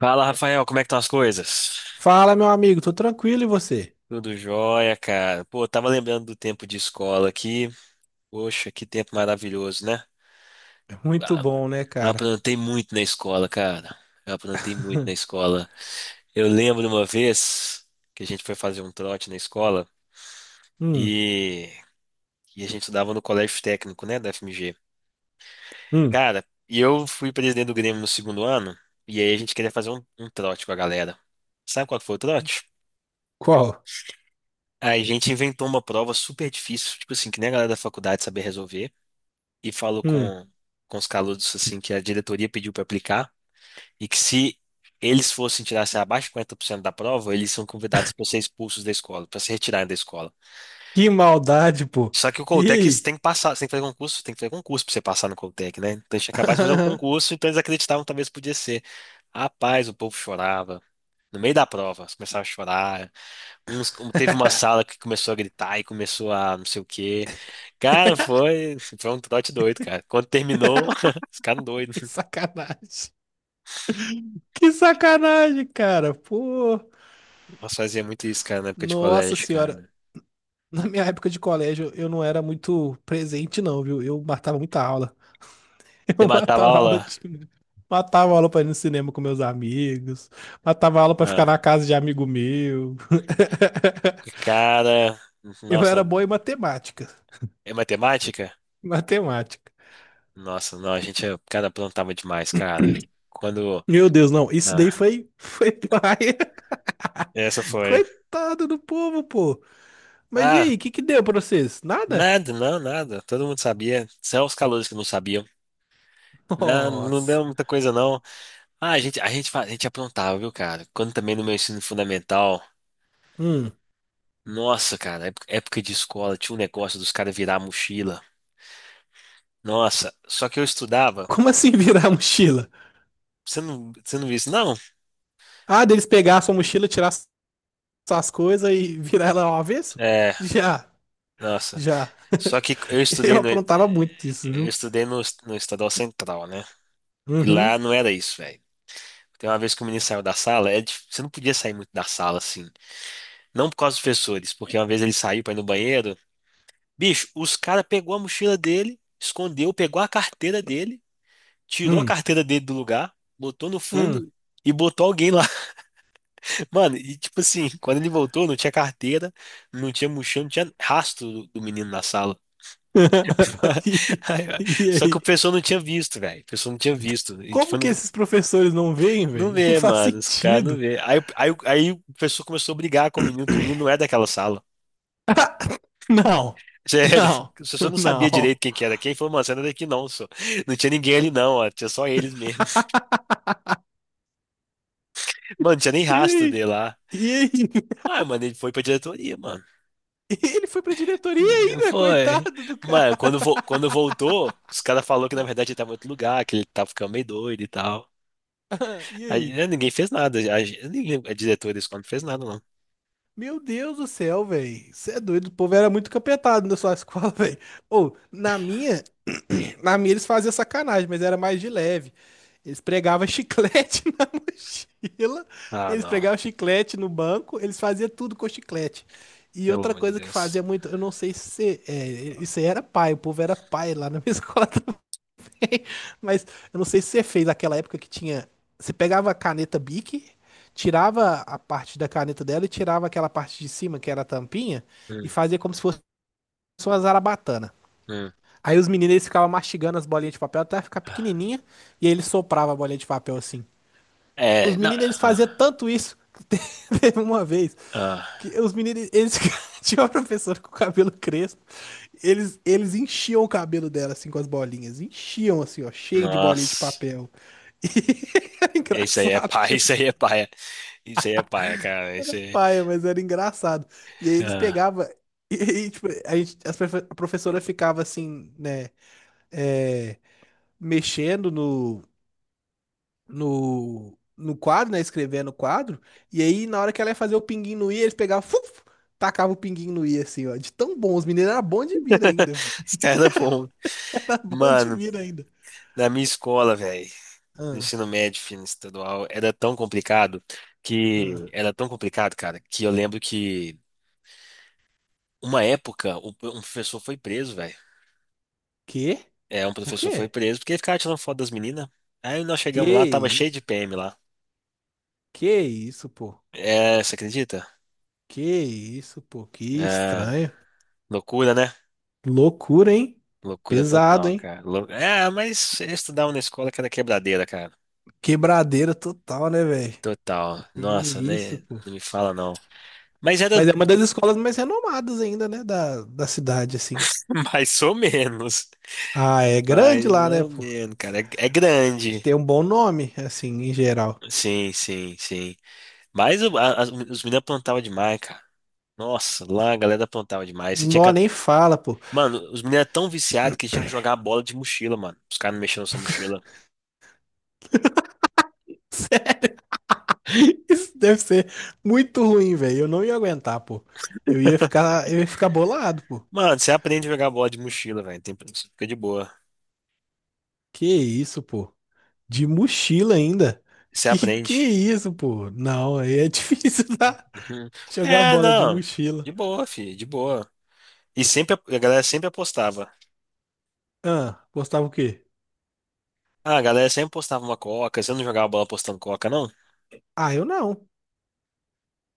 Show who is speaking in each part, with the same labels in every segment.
Speaker 1: Fala, Rafael, como é que estão as coisas?
Speaker 2: Fala, meu amigo, tô tranquilo e você?
Speaker 1: Tudo jóia, cara. Pô, tava lembrando do tempo de escola aqui. Poxa, que tempo maravilhoso, né?
Speaker 2: Muito
Speaker 1: Ah,
Speaker 2: bom, né, cara?
Speaker 1: aprontei muito na escola, cara. Eu aprontei muito na escola. Eu lembro uma vez que a gente foi fazer um trote na escola
Speaker 2: Hum,
Speaker 1: e, e a gente estudava no colégio técnico, né, da FMG.
Speaker 2: hum,
Speaker 1: Cara, e eu fui presidente do Grêmio no segundo ano e aí a gente queria fazer um trote com a galera. Sabe qual que foi o trote?
Speaker 2: qual?
Speaker 1: A gente inventou uma prova super difícil, tipo assim, que nem a galera da faculdade sabia resolver, e falou
Speaker 2: Hum,
Speaker 1: com os calouros, assim, que a diretoria pediu para aplicar, e que se eles fossem tirar, assim, abaixo de 50% da prova, eles são convidados para ser expulsos da escola, para se retirarem da escola.
Speaker 2: que maldade, pô.
Speaker 1: Só que o
Speaker 2: E
Speaker 1: Coltec você
Speaker 2: aí?
Speaker 1: tem que passar, você tem que fazer concurso, tem que fazer concurso para você passar no Coltec, né? Então tinha acabado de fazer um concurso, então eles acreditavam que talvez podia ser. Rapaz, o povo chorava. No meio da prova, eles começavam a chorar. Teve uma sala que começou a gritar e começou a não sei o quê. Cara, foi um trote doido, cara. Quando terminou, ficaram doidos.
Speaker 2: Que sacanagem. Que sacanagem, cara. Pô,
Speaker 1: Nós fazia muito isso, cara, na época de
Speaker 2: nossa
Speaker 1: colégio,
Speaker 2: senhora.
Speaker 1: cara.
Speaker 2: Na minha época de colégio, eu não era muito presente, não, viu? Eu matava muita aula.
Speaker 1: Você
Speaker 2: Eu
Speaker 1: matava a
Speaker 2: matava aula
Speaker 1: aula?
Speaker 2: de... Matava aula pra ir no cinema com meus amigos. Matava aula pra ficar na
Speaker 1: Ah,
Speaker 2: casa de amigo meu.
Speaker 1: cara,
Speaker 2: Eu
Speaker 1: nossa,
Speaker 2: era bom em matemática.
Speaker 1: é matemática?
Speaker 2: Matemática.
Speaker 1: Nossa, não, cara, plantava demais, cara. Quando,
Speaker 2: Meu Deus, não. Isso daí
Speaker 1: ah,
Speaker 2: foi paia.
Speaker 1: essa foi.
Speaker 2: Coitado do povo, pô. Mas e
Speaker 1: Ah,
Speaker 2: aí, o que deu pra vocês? Nada?
Speaker 1: nada, não, nada. Todo mundo sabia. Só os calouros que não sabiam. Não, não
Speaker 2: Nossa.
Speaker 1: deu muita coisa, não. Ah, a gente aprontava, viu, cara? Quando também no meu ensino fundamental,
Speaker 2: Hum.
Speaker 1: nossa, cara, época de escola, tinha um negócio dos caras virar a mochila. Nossa, só que eu estudava.
Speaker 2: Como assim virar a mochila?
Speaker 1: Você não viu isso, não?
Speaker 2: Ah, deles pegar a sua mochila, tirar suas coisas e virar ela ao avesso?
Speaker 1: É,
Speaker 2: Já,
Speaker 1: nossa.
Speaker 2: já.
Speaker 1: Só que eu
Speaker 2: Eu
Speaker 1: estudei no,
Speaker 2: aprontava muito isso,
Speaker 1: eu
Speaker 2: viu?
Speaker 1: estudei no Estadual Central, né? E lá
Speaker 2: Uhum.
Speaker 1: não era isso, velho. Tem uma vez que o menino saiu da sala, você não podia sair muito da sala, assim. Não por causa dos professores, porque uma vez ele saiu pra ir no banheiro. Bicho, os caras pegou a mochila dele, escondeu, pegou a carteira dele. Tirou a
Speaker 2: Hum.
Speaker 1: carteira dele do lugar, botou no
Speaker 2: Hum.
Speaker 1: fundo e botou alguém lá. Mano, e tipo assim, quando ele voltou, não tinha carteira, não tinha mochila, não tinha rastro do menino na sala.
Speaker 2: E,
Speaker 1: Aí, ó,
Speaker 2: e
Speaker 1: só que o
Speaker 2: aí?
Speaker 1: pessoal não tinha visto, velho. O pessoal não tinha visto. E tipo,
Speaker 2: Como que
Speaker 1: não,
Speaker 2: esses professores não veem,
Speaker 1: não
Speaker 2: velho? Não
Speaker 1: vê,
Speaker 2: faz
Speaker 1: mano, os caras não
Speaker 2: sentido.
Speaker 1: vê. Aí o pessoal começou a brigar com o menino, que o menino não é daquela sala.
Speaker 2: Não,
Speaker 1: Sério,
Speaker 2: não,
Speaker 1: o pessoal não sabia direito
Speaker 2: não.
Speaker 1: quem que era quem, falou, mano, você não é daqui não, só. Não tinha ninguém ali não, ó, tinha só eles mesmo. Mano, não tinha nem
Speaker 2: E
Speaker 1: rastro
Speaker 2: aí?
Speaker 1: dele lá.
Speaker 2: E aí?
Speaker 1: Ah, mano, ele foi pra diretoria, mano.
Speaker 2: Ele foi pra diretoria ainda,
Speaker 1: Foi.
Speaker 2: coitado do cara.
Speaker 1: Mas quando voltou, os caras falaram que na verdade ele tava em outro lugar, que ele tava ficando meio doido e tal.
Speaker 2: E
Speaker 1: Aí,
Speaker 2: aí?
Speaker 1: né, ninguém fez nada. A diretora da escola não fez nada, não.
Speaker 2: Meu Deus do céu, velho. Você é doido. O povo era muito capetado na sua escola, velho. Ou, na minha eles faziam sacanagem, mas era mais de leve. Eles pregavam chiclete na mochila,
Speaker 1: Ah,
Speaker 2: eles
Speaker 1: não.
Speaker 2: pregavam chiclete no banco, eles faziam tudo com chiclete. E
Speaker 1: Pelo
Speaker 2: outra
Speaker 1: amor de
Speaker 2: coisa que fazia
Speaker 1: Deus.
Speaker 2: muito, eu não sei se é, isso aí era pai, o povo era pai lá na minha escola. Mas eu não sei se você fez aquela época que tinha. Você pegava a caneta Bic, tirava a parte da caneta dela e tirava aquela parte de cima, que era a tampinha, e
Speaker 1: Hum,
Speaker 2: fazia como se fosse uma zarabatana.
Speaker 1: hum.
Speaker 2: Aí os meninos eles ficavam mastigando as bolinhas de papel até ficar pequenininha, e aí eles sopravam a bolinha de papel assim.
Speaker 1: É,
Speaker 2: Os
Speaker 1: não.
Speaker 2: meninos eles faziam
Speaker 1: ah,
Speaker 2: tanto isso. Teve uma vez
Speaker 1: ah.
Speaker 2: que os meninos, eles tinham uma professora com o cabelo crespo, eles enchiam o cabelo dela, assim, com as bolinhas, enchiam, assim, ó, cheio de bolinha de
Speaker 1: Nossa.
Speaker 2: papel. E era
Speaker 1: Isso aí é
Speaker 2: engraçado,
Speaker 1: paia,
Speaker 2: tipo,
Speaker 1: isso aí é paia. Isso aí é paia, cara. Isso aí.
Speaker 2: paia, mas era engraçado. E aí eles
Speaker 1: Ah.
Speaker 2: pegavam, e, tipo, a gente, as profe- a professora ficava, assim, né, é, mexendo no quadro, né, escrevendo o quadro, e aí na hora que ela ia fazer o pinguinho no i, eles pegavam, fuf, tacava o pinguinho no i, assim, ó, de tão bom, os meninos eram bons de mira ainda.
Speaker 1: Os caras, pô.
Speaker 2: Pode
Speaker 1: Mano,
Speaker 2: vir ainda.
Speaker 1: na minha escola, velho. Do
Speaker 2: Ah,
Speaker 1: ensino médio, ensino estadual, era tão complicado que
Speaker 2: ah.
Speaker 1: era tão complicado, cara, que eu lembro que uma época um professor foi preso, velho.
Speaker 2: Quê?
Speaker 1: É, um
Speaker 2: Por
Speaker 1: professor foi
Speaker 2: quê?
Speaker 1: preso porque ele ficava tirando foto das meninas. Aí nós
Speaker 2: Que
Speaker 1: chegamos lá, tava cheio de
Speaker 2: isso?
Speaker 1: PM lá.
Speaker 2: Que isso, pô?
Speaker 1: É, você acredita?
Speaker 2: Que isso, pô? Que
Speaker 1: É,
Speaker 2: estranho.
Speaker 1: loucura, né?
Speaker 2: Loucura, hein?
Speaker 1: Loucura
Speaker 2: Pesado,
Speaker 1: total,
Speaker 2: hein?
Speaker 1: cara. É, mas eu estudava na escola que era quebradeira, cara.
Speaker 2: Quebradeira total, né, velho?
Speaker 1: Total.
Speaker 2: Que
Speaker 1: Nossa, né?
Speaker 2: isso, pô.
Speaker 1: Não me fala não. Mas era
Speaker 2: Mas é uma das escolas mais renomadas ainda, né, da cidade, assim.
Speaker 1: mais ou menos.
Speaker 2: Ah, é grande
Speaker 1: Mais
Speaker 2: lá, né,
Speaker 1: ou
Speaker 2: pô?
Speaker 1: menos, cara. É, é grande.
Speaker 2: Tem um bom nome, assim, em geral.
Speaker 1: Sim, sim, sim. Os meninos plantavam demais, cara. Nossa, lá a galera plantava demais. Você tinha que...
Speaker 2: Nó nem fala, pô.
Speaker 1: Mano, os meninos eram tão viciados que tinham que jogar bola de mochila, mano. Os caras não mexiam na sua mochila.
Speaker 2: Isso deve ser muito ruim, velho. Eu não ia aguentar, pô. Eu ia ficar bolado, pô.
Speaker 1: Mano, você aprende a jogar bola de mochila, velho. Tem... Você fica de boa.
Speaker 2: Que isso, pô? De mochila ainda?
Speaker 1: Você
Speaker 2: Que
Speaker 1: aprende.
Speaker 2: isso, pô? Não, aí é difícil tá?
Speaker 1: Uhum.
Speaker 2: Jogar
Speaker 1: É,
Speaker 2: bola de
Speaker 1: não.
Speaker 2: mochila.
Speaker 1: De boa, filho, de boa. E sempre a galera sempre apostava.
Speaker 2: Ah, gostava o quê?
Speaker 1: Ah, a galera sempre apostava uma coca. Você não jogava bola apostando coca, não?
Speaker 2: Ah, eu não.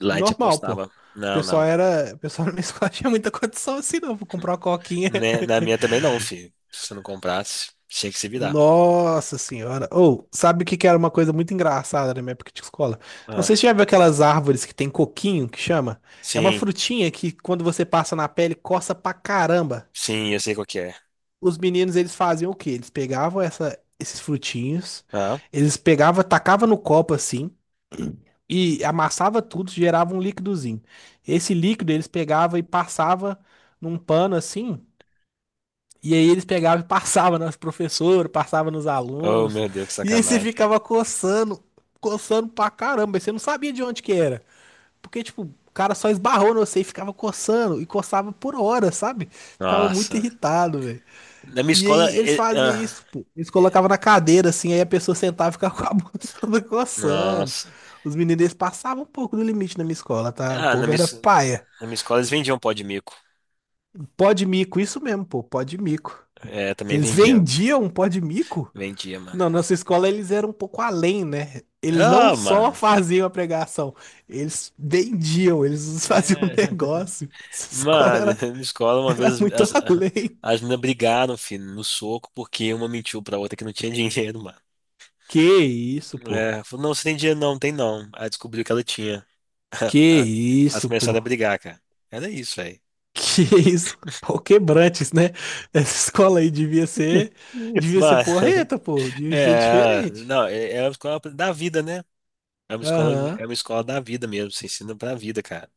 Speaker 1: Lá a gente
Speaker 2: Normal, pô.
Speaker 1: apostava. Não, não.
Speaker 2: O pessoal na minha escola tinha muita condição assim, não. Vou comprar uma coquinha.
Speaker 1: Né, na minha também não, filho. Se você não comprasse, tinha que se virar.
Speaker 2: Nossa senhora. Ou, sabe o que era uma coisa muito engraçada na minha época de escola? Não
Speaker 1: Ah,
Speaker 2: sei se você já viu aquelas árvores que tem coquinho, que chama. É uma
Speaker 1: sim,
Speaker 2: frutinha que quando você passa na pele coça pra caramba.
Speaker 1: sim, eu sei qual que é.
Speaker 2: Os meninos, eles faziam o quê? Eles pegavam esses frutinhos,
Speaker 1: Ah,
Speaker 2: eles pegavam, tacavam no copo assim e amassava tudo, gerava um líquidozinho. Esse líquido eles pegavam e passava num pano assim. E aí eles pegavam e passavam nas professoras, passavam nos
Speaker 1: oh
Speaker 2: alunos.
Speaker 1: meu Deus, que
Speaker 2: E aí você
Speaker 1: sacanagem.
Speaker 2: ficava coçando, coçando pra caramba. E você não sabia de onde que era. Porque, tipo, o cara só esbarrou no você e ficava coçando. E coçava por horas, sabe? Ficava muito
Speaker 1: Nossa.
Speaker 2: irritado, velho.
Speaker 1: Na minha
Speaker 2: E
Speaker 1: escola.
Speaker 2: aí eles faziam isso, pô. Eles
Speaker 1: Eh,
Speaker 2: colocavam na cadeira, assim, aí a pessoa sentava e ficava com a mão toda coçando.
Speaker 1: nossa.
Speaker 2: Os meninos eles passavam um pouco do limite na minha escola, tá? O
Speaker 1: Ah,
Speaker 2: povo era
Speaker 1: na
Speaker 2: paia.
Speaker 1: minha escola eles vendiam pó de mico.
Speaker 2: Pó de mico, isso mesmo, pô, pó de mico.
Speaker 1: É, também
Speaker 2: Eles
Speaker 1: vendiam.
Speaker 2: vendiam um pó de mico?
Speaker 1: Vendia, mano.
Speaker 2: Não, nossa escola eles eram um pouco além, né? Eles não
Speaker 1: Ah,
Speaker 2: só
Speaker 1: mano.
Speaker 2: faziam a pregação, eles vendiam, eles faziam um
Speaker 1: É.
Speaker 2: negócio. Essa escola
Speaker 1: Mano, na
Speaker 2: era,
Speaker 1: minha escola uma
Speaker 2: era
Speaker 1: vez
Speaker 2: muito além.
Speaker 1: as meninas brigaram, filho, no soco, porque uma mentiu pra outra que não tinha dinheiro, mano.
Speaker 2: Que isso, pô?
Speaker 1: É, falou, não, você tem dinheiro não, tem não. Aí descobriu que ela tinha.
Speaker 2: Que
Speaker 1: Ah, elas
Speaker 2: isso, pô?
Speaker 1: começaram a brigar, cara. Era isso, velho.
Speaker 2: Que isso? Pau quebrantes, né? Essa escola aí devia ser
Speaker 1: Mas,
Speaker 2: porreta, pô. Devia ser
Speaker 1: é,
Speaker 2: diferente.
Speaker 1: não, é, é uma escola da vida, né?
Speaker 2: Aham.
Speaker 1: É uma escola da vida mesmo, você ensina pra vida, cara.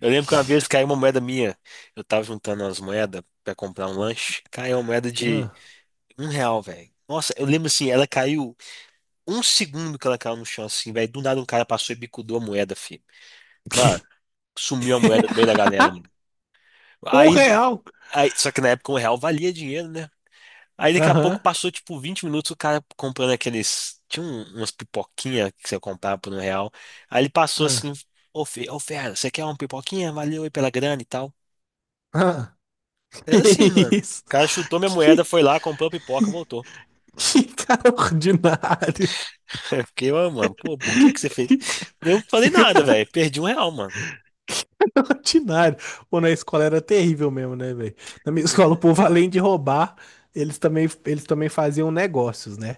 Speaker 1: Eu lembro que uma vez
Speaker 2: Que-
Speaker 1: caiu uma moeda minha, eu tava juntando umas moedas pra comprar um lanche, caiu uma moeda de
Speaker 2: ah.
Speaker 1: um real, velho. Nossa, eu lembro assim, ela caiu um segundo que ela caiu no chão, assim, velho. Do nada um cara passou e bicudou a moeda, filho. Mano,
Speaker 2: Que-
Speaker 1: sumiu a moeda no meio da galera, mano.
Speaker 2: Um
Speaker 1: Aí,
Speaker 2: real.
Speaker 1: só que na época um real valia dinheiro, né? Aí daqui a pouco
Speaker 2: Aham.
Speaker 1: passou tipo 20 minutos o cara comprando aqueles. Tinha umas pipoquinhas que você comprava por um real. Aí ele passou assim:
Speaker 2: Ah.
Speaker 1: Ô, fera, você quer uma pipoquinha? Valeu aí pela grana e tal.
Speaker 2: Ah. Que
Speaker 1: Era assim, mano. O
Speaker 2: isso?
Speaker 1: cara chutou minha moeda,
Speaker 2: Que
Speaker 1: foi lá, comprou a pipoca, voltou.
Speaker 2: que cara ordinário.
Speaker 1: Eu fiquei, ô, mano, pô, por que que você fez?
Speaker 2: Que
Speaker 1: Eu não falei nada,
Speaker 2: cara
Speaker 1: velho. Perdi um real, mano.
Speaker 2: ordinário. Pô, na escola era terrível mesmo, né, velho? Na minha escola, o povo, além de roubar, eles também faziam negócios, né?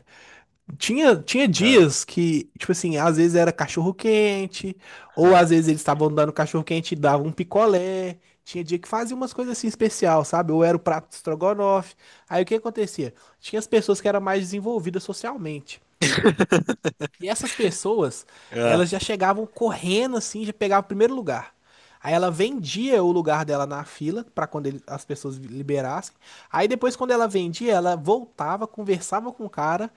Speaker 2: Tinha
Speaker 1: Ah,
Speaker 2: dias que, tipo assim, às vezes era cachorro-quente, ou
Speaker 1: ah,
Speaker 2: às vezes eles estavam dando cachorro-quente e davam um picolé. Tinha dia que fazia umas coisas assim especial, sabe? Ou era o prato de estrogonofe. Aí o que acontecia? Tinha as pessoas que eram mais desenvolvidas socialmente. E essas pessoas,
Speaker 1: ah.
Speaker 2: elas já chegavam correndo assim, já pegavam o primeiro lugar. Aí ela vendia o lugar dela na fila para quando ele- as pessoas liberassem. Aí depois, quando ela vendia, ela voltava, conversava com o cara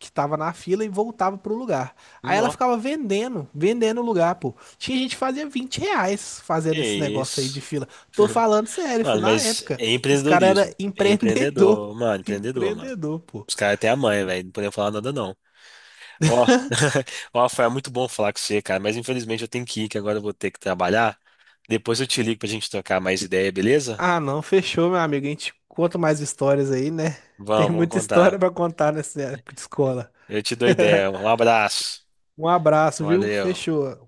Speaker 2: que tava na fila e voltava pro lugar. Aí ela
Speaker 1: Nó,
Speaker 2: ficava vendendo, vendendo o lugar, pô. Tinha gente que fazia 20 reais
Speaker 1: que
Speaker 2: fazendo esse negócio aí de
Speaker 1: isso.
Speaker 2: fila. Tô falando sério,
Speaker 1: Mano,
Speaker 2: filho. Na
Speaker 1: mas
Speaker 2: época,
Speaker 1: é
Speaker 2: os caras eram
Speaker 1: empreendedorismo. É
Speaker 2: empreendedor.
Speaker 1: empreendedor, mano, empreendedor, mano.
Speaker 2: Empreendedor, pô.
Speaker 1: Os caras até a mãe, velho. Não podia falar nada, não. Ó, ó, foi muito bom falar com você, cara. Mas infelizmente eu tenho que ir, que agora eu vou ter que trabalhar. Depois eu te ligo pra gente trocar mais ideia, beleza?
Speaker 2: Ah, não, fechou, meu amigo. A gente conta mais histórias aí, né? Tem
Speaker 1: Vamos, vamos
Speaker 2: muita história
Speaker 1: contar.
Speaker 2: pra contar nessa época de escola.
Speaker 1: Eu te dou ideia. Um abraço.
Speaker 2: Um abraço, viu?
Speaker 1: Valeu.
Speaker 2: Fechou.